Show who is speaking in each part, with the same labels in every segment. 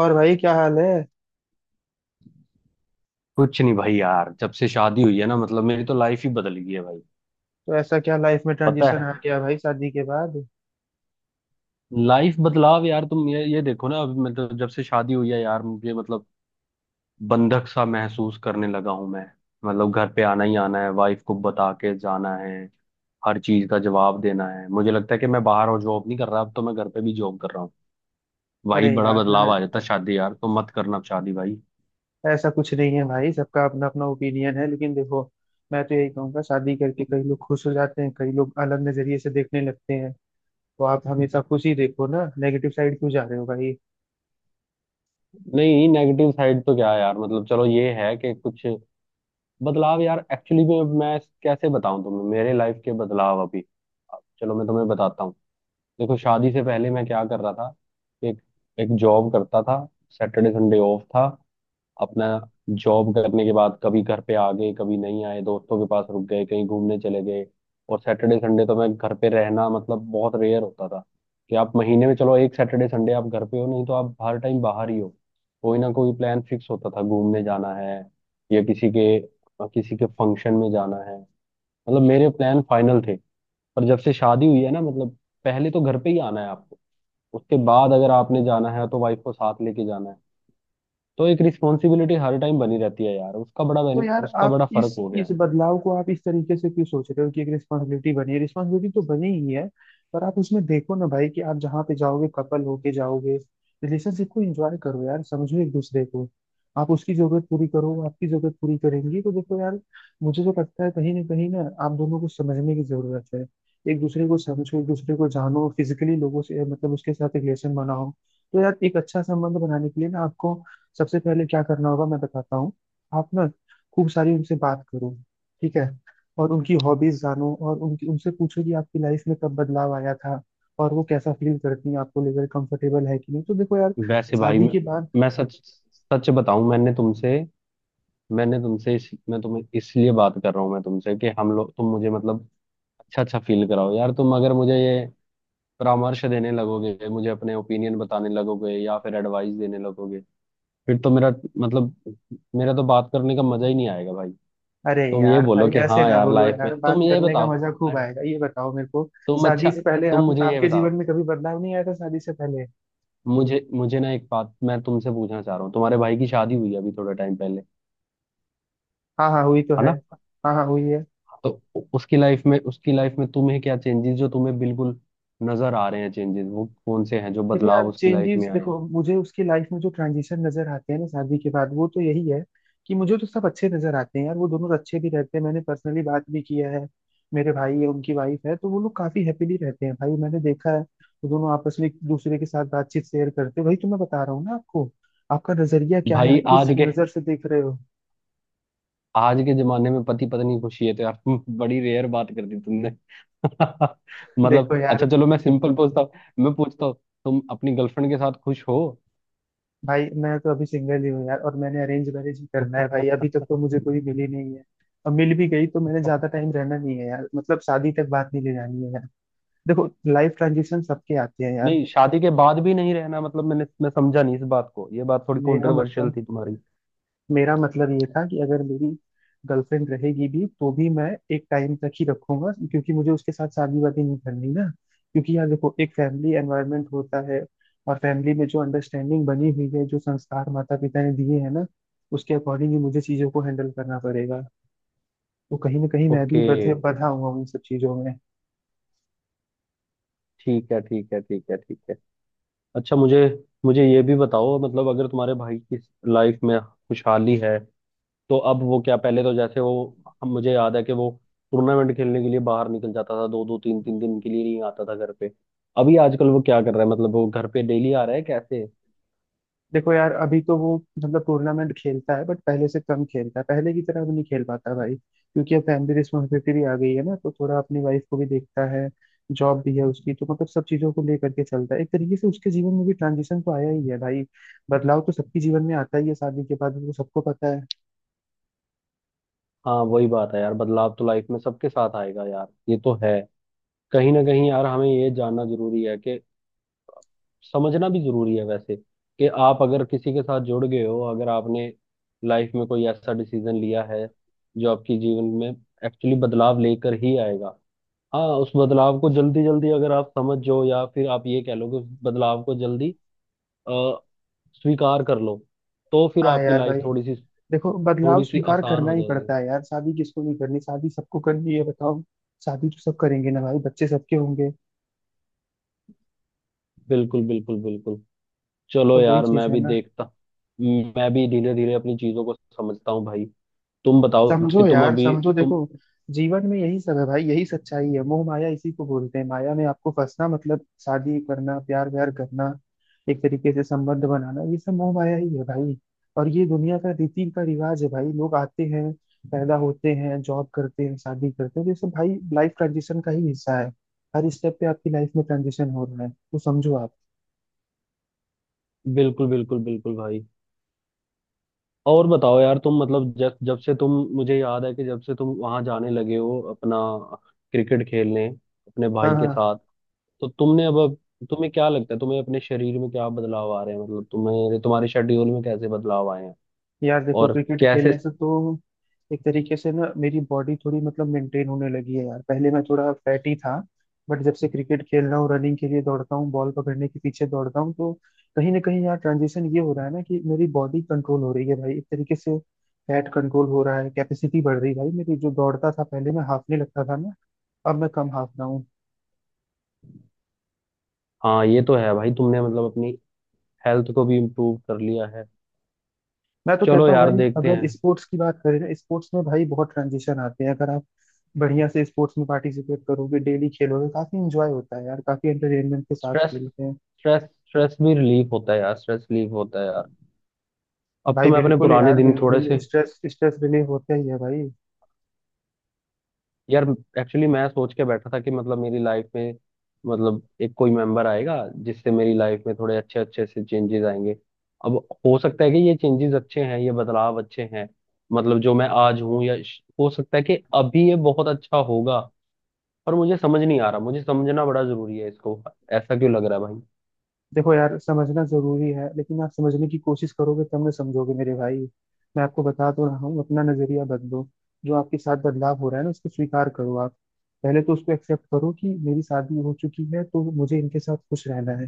Speaker 1: और भाई क्या हाल है।
Speaker 2: कुछ नहीं भाई यार, जब से शादी हुई है ना, मतलब मेरी तो लाइफ ही बदल गई है भाई।
Speaker 1: तो ऐसा क्या लाइफ में
Speaker 2: पता
Speaker 1: ट्रांजिशन
Speaker 2: है,
Speaker 1: आ गया भाई शादी के बाद?
Speaker 2: लाइफ बदलाव यार। तुम ये देखो ना, अभी मतलब जब से शादी हुई है यार, मुझे मतलब बंधक सा महसूस करने लगा हूं मैं। मतलब घर पे आना ही आना है, वाइफ को बता के जाना है, हर चीज का जवाब देना है। मुझे लगता है कि मैं बाहर और जॉब नहीं कर रहा, अब तो मैं घर पे भी जॉब कर रहा हूँ भाई।
Speaker 1: अरे
Speaker 2: बड़ा बदलाव आ
Speaker 1: यार,
Speaker 2: जाता है शादी यार, तो मत करना अब शादी भाई।
Speaker 1: ऐसा कुछ नहीं है भाई। सबका अपना अपना ओपिनियन है, लेकिन देखो, मैं तो यही कहूंगा शादी करके कई लोग खुश हो जाते हैं, कई लोग अलग नजरिए से देखने लगते हैं। तो आप हमेशा खुशी देखो ना, नेगेटिव साइड क्यों जा रहे हो भाई?
Speaker 2: नहीं, नेगेटिव साइड तो क्या है यार, मतलब चलो ये है कि कुछ बदलाव यार। एक्चुअली में मैं कैसे बताऊं तुम्हें मेरे लाइफ के बदलाव अभी। चलो मैं तुम्हें बताता हूँ। देखो, शादी से पहले मैं क्या कर रहा था। एक एक जॉब करता था, सैटरडे संडे ऑफ था अपना। जॉब करने के बाद कभी घर पे आ गए, कभी नहीं आए, दोस्तों के पास रुक गए, कहीं घूमने चले गए। और सैटरडे संडे तो मैं घर पे रहना मतलब बहुत रेयर होता था कि आप महीने में चलो एक सैटरडे संडे आप घर पे हो, नहीं तो आप हर टाइम बाहर ही हो। कोई ना कोई प्लान फिक्स होता था, घूमने जाना है या किसी के फंक्शन में जाना है। मतलब मेरे प्लान फाइनल थे। पर जब से शादी हुई है ना, मतलब पहले तो घर पे ही आना है आपको, उसके बाद अगर आपने जाना है तो वाइफ को साथ लेके जाना है। तो एक रिस्पॉन्सिबिलिटी हर टाइम बनी रहती है यार।
Speaker 1: तो यार
Speaker 2: उसका
Speaker 1: आप
Speaker 2: बड़ा
Speaker 1: इस
Speaker 2: फर्क हो गया
Speaker 1: इस
Speaker 2: है।
Speaker 1: बदलाव को आप इस तरीके से क्यों सोच रहे हो कि एक रिस्पॉन्सिबिलिटी बनी है? रिस्पॉन्सिबिलिटी तो बनी ही है, पर आप उसमें देखो ना भाई कि आप जहाँ पे जाओगे कपल होके जाओगे। रिलेशनशिप को एंजॉय करो यार, समझो एक दूसरे को। आप उसकी जरूरत पूरी करो, वो आपकी जरूरत पूरी करेंगी। तो देखो यार, मुझे तो लगता है कहीं ना कहीं ना, आप दोनों को समझने की जरूरत है। एक दूसरे को समझो, एक दूसरे को जानो, फिजिकली लोगों से मतलब उसके साथ रिलेशन बनाओ। तो यार एक अच्छा संबंध बनाने के लिए ना आपको सबसे पहले क्या करना होगा मैं बताता हूँ। आप ना खूब सारी उनसे बात करो। ठीक है। और उनकी हॉबीज जानो, और उनकी उनसे पूछो कि आपकी लाइफ में कब बदलाव आया था और वो कैसा फील करती हैं, आपको लेकर कंफर्टेबल है कि नहीं। तो देखो यार,
Speaker 2: वैसे भाई
Speaker 1: शादी के बाद।
Speaker 2: मैं सच सच बताऊं, मैंने तुमसे मैं तुम्हें इसलिए बात कर रहा हूँ मैं तुमसे, कि हम लोग, तुम मुझे मतलब अच्छा अच्छा फील कराओ यार। तुम अगर मुझे ये परामर्श देने लगोगे, मुझे अपने ओपिनियन बताने लगोगे या फिर एडवाइस देने लगोगे, फिर तो मेरा मतलब, मेरा तो बात करने का मजा ही नहीं आएगा भाई।
Speaker 1: अरे
Speaker 2: तुम ये
Speaker 1: यार
Speaker 2: बोलो
Speaker 1: भाई,
Speaker 2: कि
Speaker 1: ऐसे
Speaker 2: हाँ
Speaker 1: ना
Speaker 2: यार,
Speaker 1: बोलो
Speaker 2: लाइफ
Speaker 1: यार,
Speaker 2: में। तुम
Speaker 1: बात
Speaker 2: ये
Speaker 1: करने का
Speaker 2: बताओ,
Speaker 1: मजा खूब आएगा। ये बताओ मेरे को,
Speaker 2: तुम अच्छा
Speaker 1: शादी से पहले
Speaker 2: तुम
Speaker 1: आप
Speaker 2: मुझे ये
Speaker 1: आपके जीवन
Speaker 2: बताओ,
Speaker 1: में कभी बदलाव नहीं आया था शादी से पहले?
Speaker 2: मुझे मुझे ना एक बात मैं तुमसे पूछना चाह रहा हूँ। तुम्हारे भाई की शादी हुई अभी थोड़े टाइम पहले,
Speaker 1: हाँ हाँ, हुई तो
Speaker 2: है
Speaker 1: है।
Speaker 2: ना?
Speaker 1: हाँ हाँ, हुई है।
Speaker 2: तो उसकी लाइफ में तुम्हें क्या चेंजेस, जो तुम्हें बिल्कुल नजर आ रहे हैं चेंजेस, वो कौन से हैं, जो
Speaker 1: देखो
Speaker 2: बदलाव
Speaker 1: यार,
Speaker 2: उसकी लाइफ
Speaker 1: चेंजेस
Speaker 2: में आए
Speaker 1: देखो,
Speaker 2: हैं?
Speaker 1: मुझे उसकी लाइफ में जो ट्रांजिशन नजर आते हैं ना शादी के बाद, वो तो यही है कि मुझे तो सब अच्छे नजर आते हैं यार। वो दोनों अच्छे भी रहते हैं, मैंने पर्सनली बात भी किया है। मेरे भाई है, उनकी वाइफ है, तो वो लोग काफी हैप्पीली रहते हैं भाई, मैंने देखा है। वो दोनों आपस में एक दूसरे के साथ बातचीत शेयर करते हैं। वही तो मैं बता रहा हूँ ना आपको, आपका नजरिया क्या है,
Speaker 2: भाई
Speaker 1: आप किस नजर से देख रहे हो?
Speaker 2: आज के जमाने में पति पत्नी खुशी है तो यार बड़ी रेयर बात कर दी तुमने।
Speaker 1: देखो
Speaker 2: मतलब
Speaker 1: यार,
Speaker 2: अच्छा चलो, मैं सिंपल पूछता हूँ। मैं पूछता हूँ, तुम अपनी गर्लफ्रेंड के साथ खुश हो?
Speaker 1: भाई मैं तो अभी सिंगल ही हूँ यार, और मैंने अरेंज मैरिज ही करना है भाई। अभी तक तो मुझे कोई मिली नहीं है। और मिल भी गई तो मैंने ज्यादा टाइम रहना नहीं है यार, मतलब शादी तक बात नहीं ले जानी है यार। देखो, लाइफ ट्रांजिशन सबके आते हैं यार।
Speaker 2: नहीं, शादी के बाद भी नहीं रहना मतलब, मैं समझा नहीं इस बात को, ये बात थोड़ी
Speaker 1: मेरा
Speaker 2: कंट्रोवर्शियल
Speaker 1: मतलब
Speaker 2: थी तुम्हारी।
Speaker 1: मेरा मतलब ये था कि अगर मेरी गर्लफ्रेंड रहेगी भी तो भी मैं एक टाइम तक ही रखूंगा, क्योंकि मुझे उसके साथ शादी वादी नहीं करनी ना। क्योंकि यार देखो, एक फैमिली एनवायरनमेंट होता है, और फैमिली में जो अंडरस्टैंडिंग बनी हुई है, जो संस्कार माता पिता ने दिए हैं ना, उसके अकॉर्डिंग ही मुझे चीजों को हैंडल करना पड़ेगा। तो कहीं ना कहीं मैं भी
Speaker 2: ओके,
Speaker 1: बधे बंधा हुआ हूँ इन सब चीजों में।
Speaker 2: ठीक है, ठीक है, ठीक है, ठीक है। अच्छा, मुझे मुझे ये भी बताओ, मतलब अगर तुम्हारे भाई की लाइफ में खुशहाली है, तो अब वो क्या, पहले तो जैसे वो, हम मुझे याद है कि वो टूर्नामेंट खेलने के लिए बाहर निकल जाता था, दो दो तीन तीन दिन के लिए नहीं आता था घर पे। अभी आजकल वो क्या कर रहा है, मतलब वो घर पे डेली आ रहा है कैसे?
Speaker 1: देखो यार, अभी तो वो मतलब टूर्नामेंट खेलता है, बट पहले से कम खेलता है, पहले की तरह अब नहीं खेल पाता भाई, क्योंकि अब फैमिली रिस्पॉन्सिबिलिटी भी आ गई है ना, तो थोड़ा अपनी वाइफ को भी देखता है। जॉब भी है उसकी, तो मतलब सब चीजों को लेकर के चलता है। एक तरीके से उसके जीवन में भी ट्रांजिशन तो आया ही है भाई। बदलाव तो सबके जीवन में आता ही है शादी के बाद, वो सबको पता है।
Speaker 2: हाँ, वही बात है यार, बदलाव तो लाइफ में सबके साथ आएगा यार, ये तो है। कहीं ना कहीं यार हमें ये जानना जरूरी है कि, समझना भी जरूरी है वैसे, कि आप अगर किसी के साथ जुड़ गए हो, अगर आपने लाइफ में कोई ऐसा डिसीजन लिया है जो आपकी जीवन में एक्चुअली बदलाव लेकर ही आएगा। हाँ, उस बदलाव को जल्दी जल्दी अगर आप समझ जाओ, या फिर आप ये कह लो कि उस बदलाव को जल्दी अ, स्वीकार कर लो, तो फिर
Speaker 1: हाँ
Speaker 2: आपकी
Speaker 1: यार भाई,
Speaker 2: लाइफ
Speaker 1: देखो, बदलाव
Speaker 2: थोड़ी सी
Speaker 1: स्वीकार
Speaker 2: आसान
Speaker 1: करना
Speaker 2: हो
Speaker 1: ही
Speaker 2: जाएगी।
Speaker 1: पड़ता है यार। शादी किसको नहीं करनी, शादी सबको करनी है, बताओ। शादी तो सब करेंगे ना भाई, बच्चे सबके होंगे।
Speaker 2: बिल्कुल, बिल्कुल, बिल्कुल। चलो
Speaker 1: तो वही
Speaker 2: यार,
Speaker 1: चीज
Speaker 2: मैं
Speaker 1: है
Speaker 2: भी
Speaker 1: ना।
Speaker 2: देखता, मैं भी धीरे धीरे अपनी चीजों को समझता हूँ भाई। तुम बताओ
Speaker 1: समझो
Speaker 2: कि तुम
Speaker 1: यार,
Speaker 2: अभी
Speaker 1: समझो,
Speaker 2: तुम
Speaker 1: देखो, जीवन में यही सब है भाई, यही सच्चाई है। मोह माया इसी को बोलते हैं, माया में आपको फंसना मतलब शादी करना, प्यार व्यार करना, एक तरीके से संबंध बनाना, ये सब मोह माया ही है भाई। और ये दुनिया का रीति का रिवाज है भाई, लोग आते हैं, पैदा होते हैं, जॉब करते हैं, शादी करते हैं, तो ये सब भाई लाइफ ट्रांजिशन का ही हिस्सा है। हर स्टेप पे आपकी लाइफ में ट्रांजिशन हो रहा है, तो समझो आप।
Speaker 2: बिल्कुल बिल्कुल बिल्कुल भाई। और बताओ यार तुम, मतलब जब जब से तुम, मुझे याद है कि जब से तुम वहां जाने लगे हो अपना क्रिकेट खेलने अपने
Speaker 1: हाँ
Speaker 2: भाई के
Speaker 1: हाँ।
Speaker 2: साथ, तो तुमने तुम्हें क्या लगता है, तुम्हें अपने शरीर में क्या बदलाव आ रहे हैं, मतलब तुम्हें तुम्हारे शेड्यूल में कैसे बदलाव आए हैं
Speaker 1: यार देखो,
Speaker 2: और
Speaker 1: क्रिकेट
Speaker 2: कैसे?
Speaker 1: खेलने से तो एक तरीके से ना मेरी बॉडी थोड़ी मतलब मेंटेन होने लगी है यार, पहले मैं थोड़ा फैटी था, बट जब से क्रिकेट खेल रहा हूँ, रनिंग के लिए दौड़ता हूँ, बॉल पकड़ने के पीछे दौड़ता हूँ, तो कहीं ना कहीं यार ट्रांजिशन ये हो रहा है ना कि मेरी बॉडी कंट्रोल हो रही है भाई। एक तरीके से फैट कंट्रोल हो रहा है, कैपेसिटी बढ़ रही है भाई मेरी। जो दौड़ता था पहले, मैं हाफने लगता था ना, अब मैं कम हाफ रहा हूँ।
Speaker 2: हाँ, ये तो है भाई, तुमने मतलब अपनी हेल्थ को भी इम्प्रूव कर लिया है।
Speaker 1: मैं तो
Speaker 2: चलो
Speaker 1: कहता हूँ
Speaker 2: यार,
Speaker 1: भाई
Speaker 2: देखते
Speaker 1: अगर
Speaker 2: हैं।
Speaker 1: स्पोर्ट्स की बात करें ना, स्पोर्ट्स में भाई बहुत ट्रांजिशन आते हैं। अगर आप बढ़िया से स्पोर्ट्स में पार्टिसिपेट करोगे, डेली खेलोगे, काफी एंजॉय होता है यार, काफी एंटरटेनमेंट के साथ
Speaker 2: स्ट्रेस
Speaker 1: खेलते हैं।
Speaker 2: स्ट्रेस स्ट्रेस भी रिलीफ होता है यार, स्ट्रेस रिलीफ होता है यार। अब तो
Speaker 1: भाई
Speaker 2: मैं अपने
Speaker 1: बिल्कुल बिल्कुल
Speaker 2: पुराने
Speaker 1: यार,
Speaker 2: दिन थोड़े
Speaker 1: बिल्कुल
Speaker 2: से,
Speaker 1: बिल्कुल, स्ट्रेस स्ट्रेस रिलीव होता ही है भाई।
Speaker 2: यार एक्चुअली मैं सोच के बैठा था कि, मतलब मेरी लाइफ में मतलब एक कोई मेंबर आएगा जिससे मेरी लाइफ में थोड़े अच्छे अच्छे से चेंजेस आएंगे। अब, हो सकता है कि ये चेंजेस अच्छे हैं, ये बदलाव अच्छे हैं, मतलब जो मैं आज हूँ या हो सकता है कि अभी ये बहुत अच्छा होगा। पर मुझे समझ नहीं आ रहा, मुझे समझना बड़ा जरूरी है इसको, ऐसा क्यों लग रहा है भाई।
Speaker 1: देखो यार, समझना जरूरी है, लेकिन आप समझने की कोशिश करोगे तब ना समझोगे मेरे भाई। मैं आपको बता तो रहा हूँ, अपना नजरिया बदलो। जो आपके साथ बदलाव हो रहा है ना, उसको स्वीकार करो आप। पहले तो उसको एक्सेप्ट करो कि मेरी शादी हो चुकी है, तो मुझे इनके साथ खुश रहना है।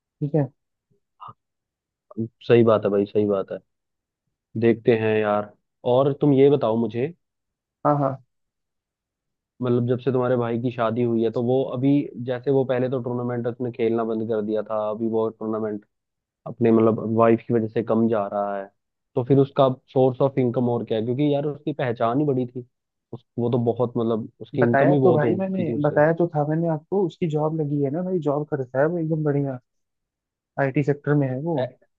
Speaker 1: ठीक है।
Speaker 2: सही बात है भाई, सही बात है। देखते हैं यार। और तुम ये बताओ मुझे,
Speaker 1: हाँ हाँ।
Speaker 2: मतलब जब से तुम्हारे भाई की शादी हुई है तो वो अभी, जैसे वो पहले तो टूर्नामेंट उसने खेलना बंद कर दिया था, अभी वो टूर्नामेंट अपने मतलब वाइफ की वजह से कम जा रहा है, तो फिर उसका सोर्स ऑफ इनकम और क्या है? क्योंकि यार उसकी पहचान ही बड़ी थी, उस वो तो बहुत मतलब उसकी इनकम
Speaker 1: बताया
Speaker 2: ही
Speaker 1: तो
Speaker 2: बहुत
Speaker 1: भाई,
Speaker 2: हो चुकी
Speaker 1: मैंने
Speaker 2: थी उससे।
Speaker 1: बताया तो था मैंने आपको, उसकी जॉब लगी है ना भाई, जॉब करता है वो एकदम बढ़िया। आईटी सेक्टर में है वो।
Speaker 2: ए-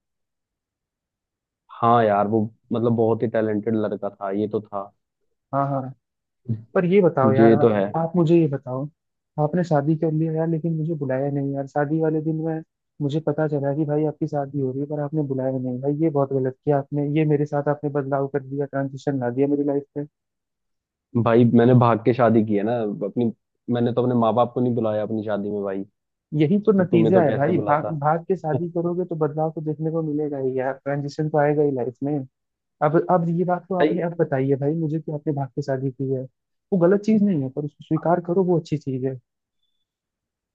Speaker 2: हाँ यार वो मतलब बहुत ही टैलेंटेड लड़का था, ये तो था,
Speaker 1: हाँ हाँ। पर ये बताओ यार,
Speaker 2: ये तो है।
Speaker 1: आप मुझे ये बताओ, आपने शादी कर लिया यार, लेकिन मुझे बुलाया नहीं यार। शादी वाले दिन में मुझे पता चला कि भाई आपकी शादी हो रही है, पर आपने बुलाया नहीं भाई। ये बहुत गलत किया आपने, ये मेरे साथ आपने बदलाव कर दिया, ट्रांजिशन ला दिया मेरी लाइफ में।
Speaker 2: भाई मैंने भाग के शादी की है ना अपनी, मैंने तो अपने माँ बाप को नहीं बुलाया अपनी शादी में भाई,
Speaker 1: यही तो
Speaker 2: तो तुम्हें
Speaker 1: नतीजा
Speaker 2: तो
Speaker 1: है
Speaker 2: कैसे
Speaker 1: भाई, भाग
Speaker 2: बुलाता
Speaker 1: भाग के शादी करोगे तो बदलाव तो देखने को मिलेगा ही यार, ट्रांजिशन तो आएगा ही लाइफ में। अब ये बात तो
Speaker 2: भाई।
Speaker 1: आपने अब बताई है भाई मुझे, कि आपने भाग के शादी की है। वो गलत चीज नहीं है, पर उसको स्वीकार करो, वो अच्छी चीज है।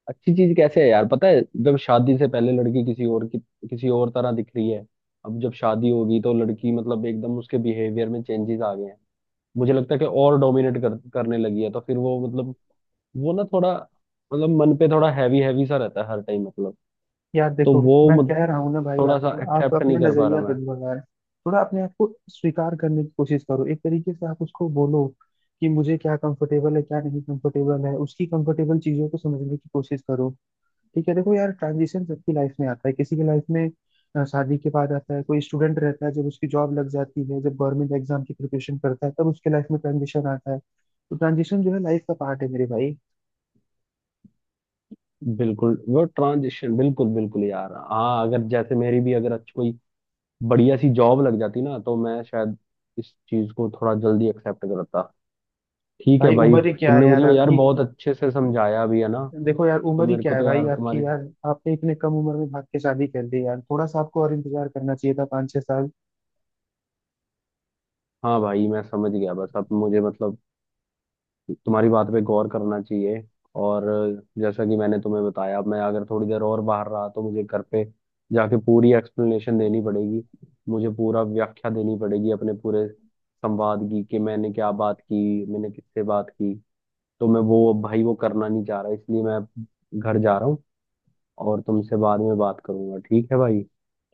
Speaker 2: अच्छी चीज कैसे है यार? पता है, जब शादी से पहले लड़की किसी और की, किसी और तरह दिख रही है, अब जब शादी होगी तो लड़की मतलब एकदम उसके बिहेवियर में चेंजेस आ गए हैं। मुझे लगता है कि और डोमिनेट करने लगी है, तो फिर वो मतलब, वो ना थोड़ा मतलब मन पे थोड़ा हैवी हैवी सा रहता है हर टाइम मतलब।
Speaker 1: यार
Speaker 2: तो
Speaker 1: देखो,
Speaker 2: वो
Speaker 1: मैं
Speaker 2: मत,
Speaker 1: कह रहा हूँ ना भाई
Speaker 2: थोड़ा सा
Speaker 1: आपको, आप
Speaker 2: एक्सेप्ट
Speaker 1: अपना
Speaker 2: नहीं कर पा रहा
Speaker 1: नजरिया
Speaker 2: मैं।
Speaker 1: बदलो यार। थोड़ा अपने आप को स्वीकार करने की कोशिश करो। एक तरीके से आप उसको बोलो कि मुझे क्या कंफर्टेबल है, क्या नहीं कंफर्टेबल है, उसकी कंफर्टेबल चीजों को समझने की कोशिश करो। ठीक है। देखो यार, ट्रांजिशन सबकी लाइफ में आता है। किसी की लाइफ में शादी के बाद आता है, कोई स्टूडेंट रहता है जब उसकी जॉब लग जाती है, जब गवर्नमेंट एग्जाम की प्रिपरेशन करता है तब उसके लाइफ में ट्रांजिशन आता है। तो ट्रांजिशन जो है लाइफ का पार्ट है मेरे भाई।
Speaker 2: बिल्कुल वो ट्रांजिशन, बिल्कुल बिल्कुल यार, हाँ अगर जैसे मेरी भी अगर अच्छी कोई बढ़िया सी जॉब लग जाती ना, तो मैं शायद इस चीज को थोड़ा जल्दी एक्सेप्ट करता। ठीक है
Speaker 1: भाई
Speaker 2: भाई,
Speaker 1: उम्र ही क्या
Speaker 2: तुमने
Speaker 1: है
Speaker 2: मुझे
Speaker 1: यार
Speaker 2: यार
Speaker 1: आपकी।
Speaker 2: बहुत अच्छे से समझाया भी है ना,
Speaker 1: देखो यार,
Speaker 2: तो
Speaker 1: उम्र ही
Speaker 2: मेरे
Speaker 1: क्या
Speaker 2: को
Speaker 1: है
Speaker 2: तो
Speaker 1: भाई
Speaker 2: यार
Speaker 1: आपकी
Speaker 2: तुम्हारी,
Speaker 1: यार, आपने इतने कम उम्र में भाग के शादी कर ली यार, थोड़ा सा आपको और इंतजार करना चाहिए था, 5-6 साल।
Speaker 2: हाँ भाई मैं समझ गया, बस अब मुझे मतलब तुम्हारी बात पे गौर करना चाहिए। और जैसा कि मैंने तुम्हें बताया, अब मैं अगर थोड़ी देर और बाहर रहा तो मुझे घर पे जाके पूरी एक्सप्लेनेशन देनी पड़ेगी, मुझे पूरा व्याख्या देनी पड़ेगी अपने पूरे संवाद की, कि मैंने क्या बात की, मैंने किससे बात की। तो मैं वो भाई वो करना नहीं चाह रहा, इसलिए मैं घर जा रहा हूँ और तुमसे बाद में बात करूंगा। ठीक है भाई?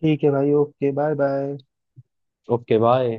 Speaker 1: ठीक है भाई, okay, bye bye.
Speaker 2: Okay bye.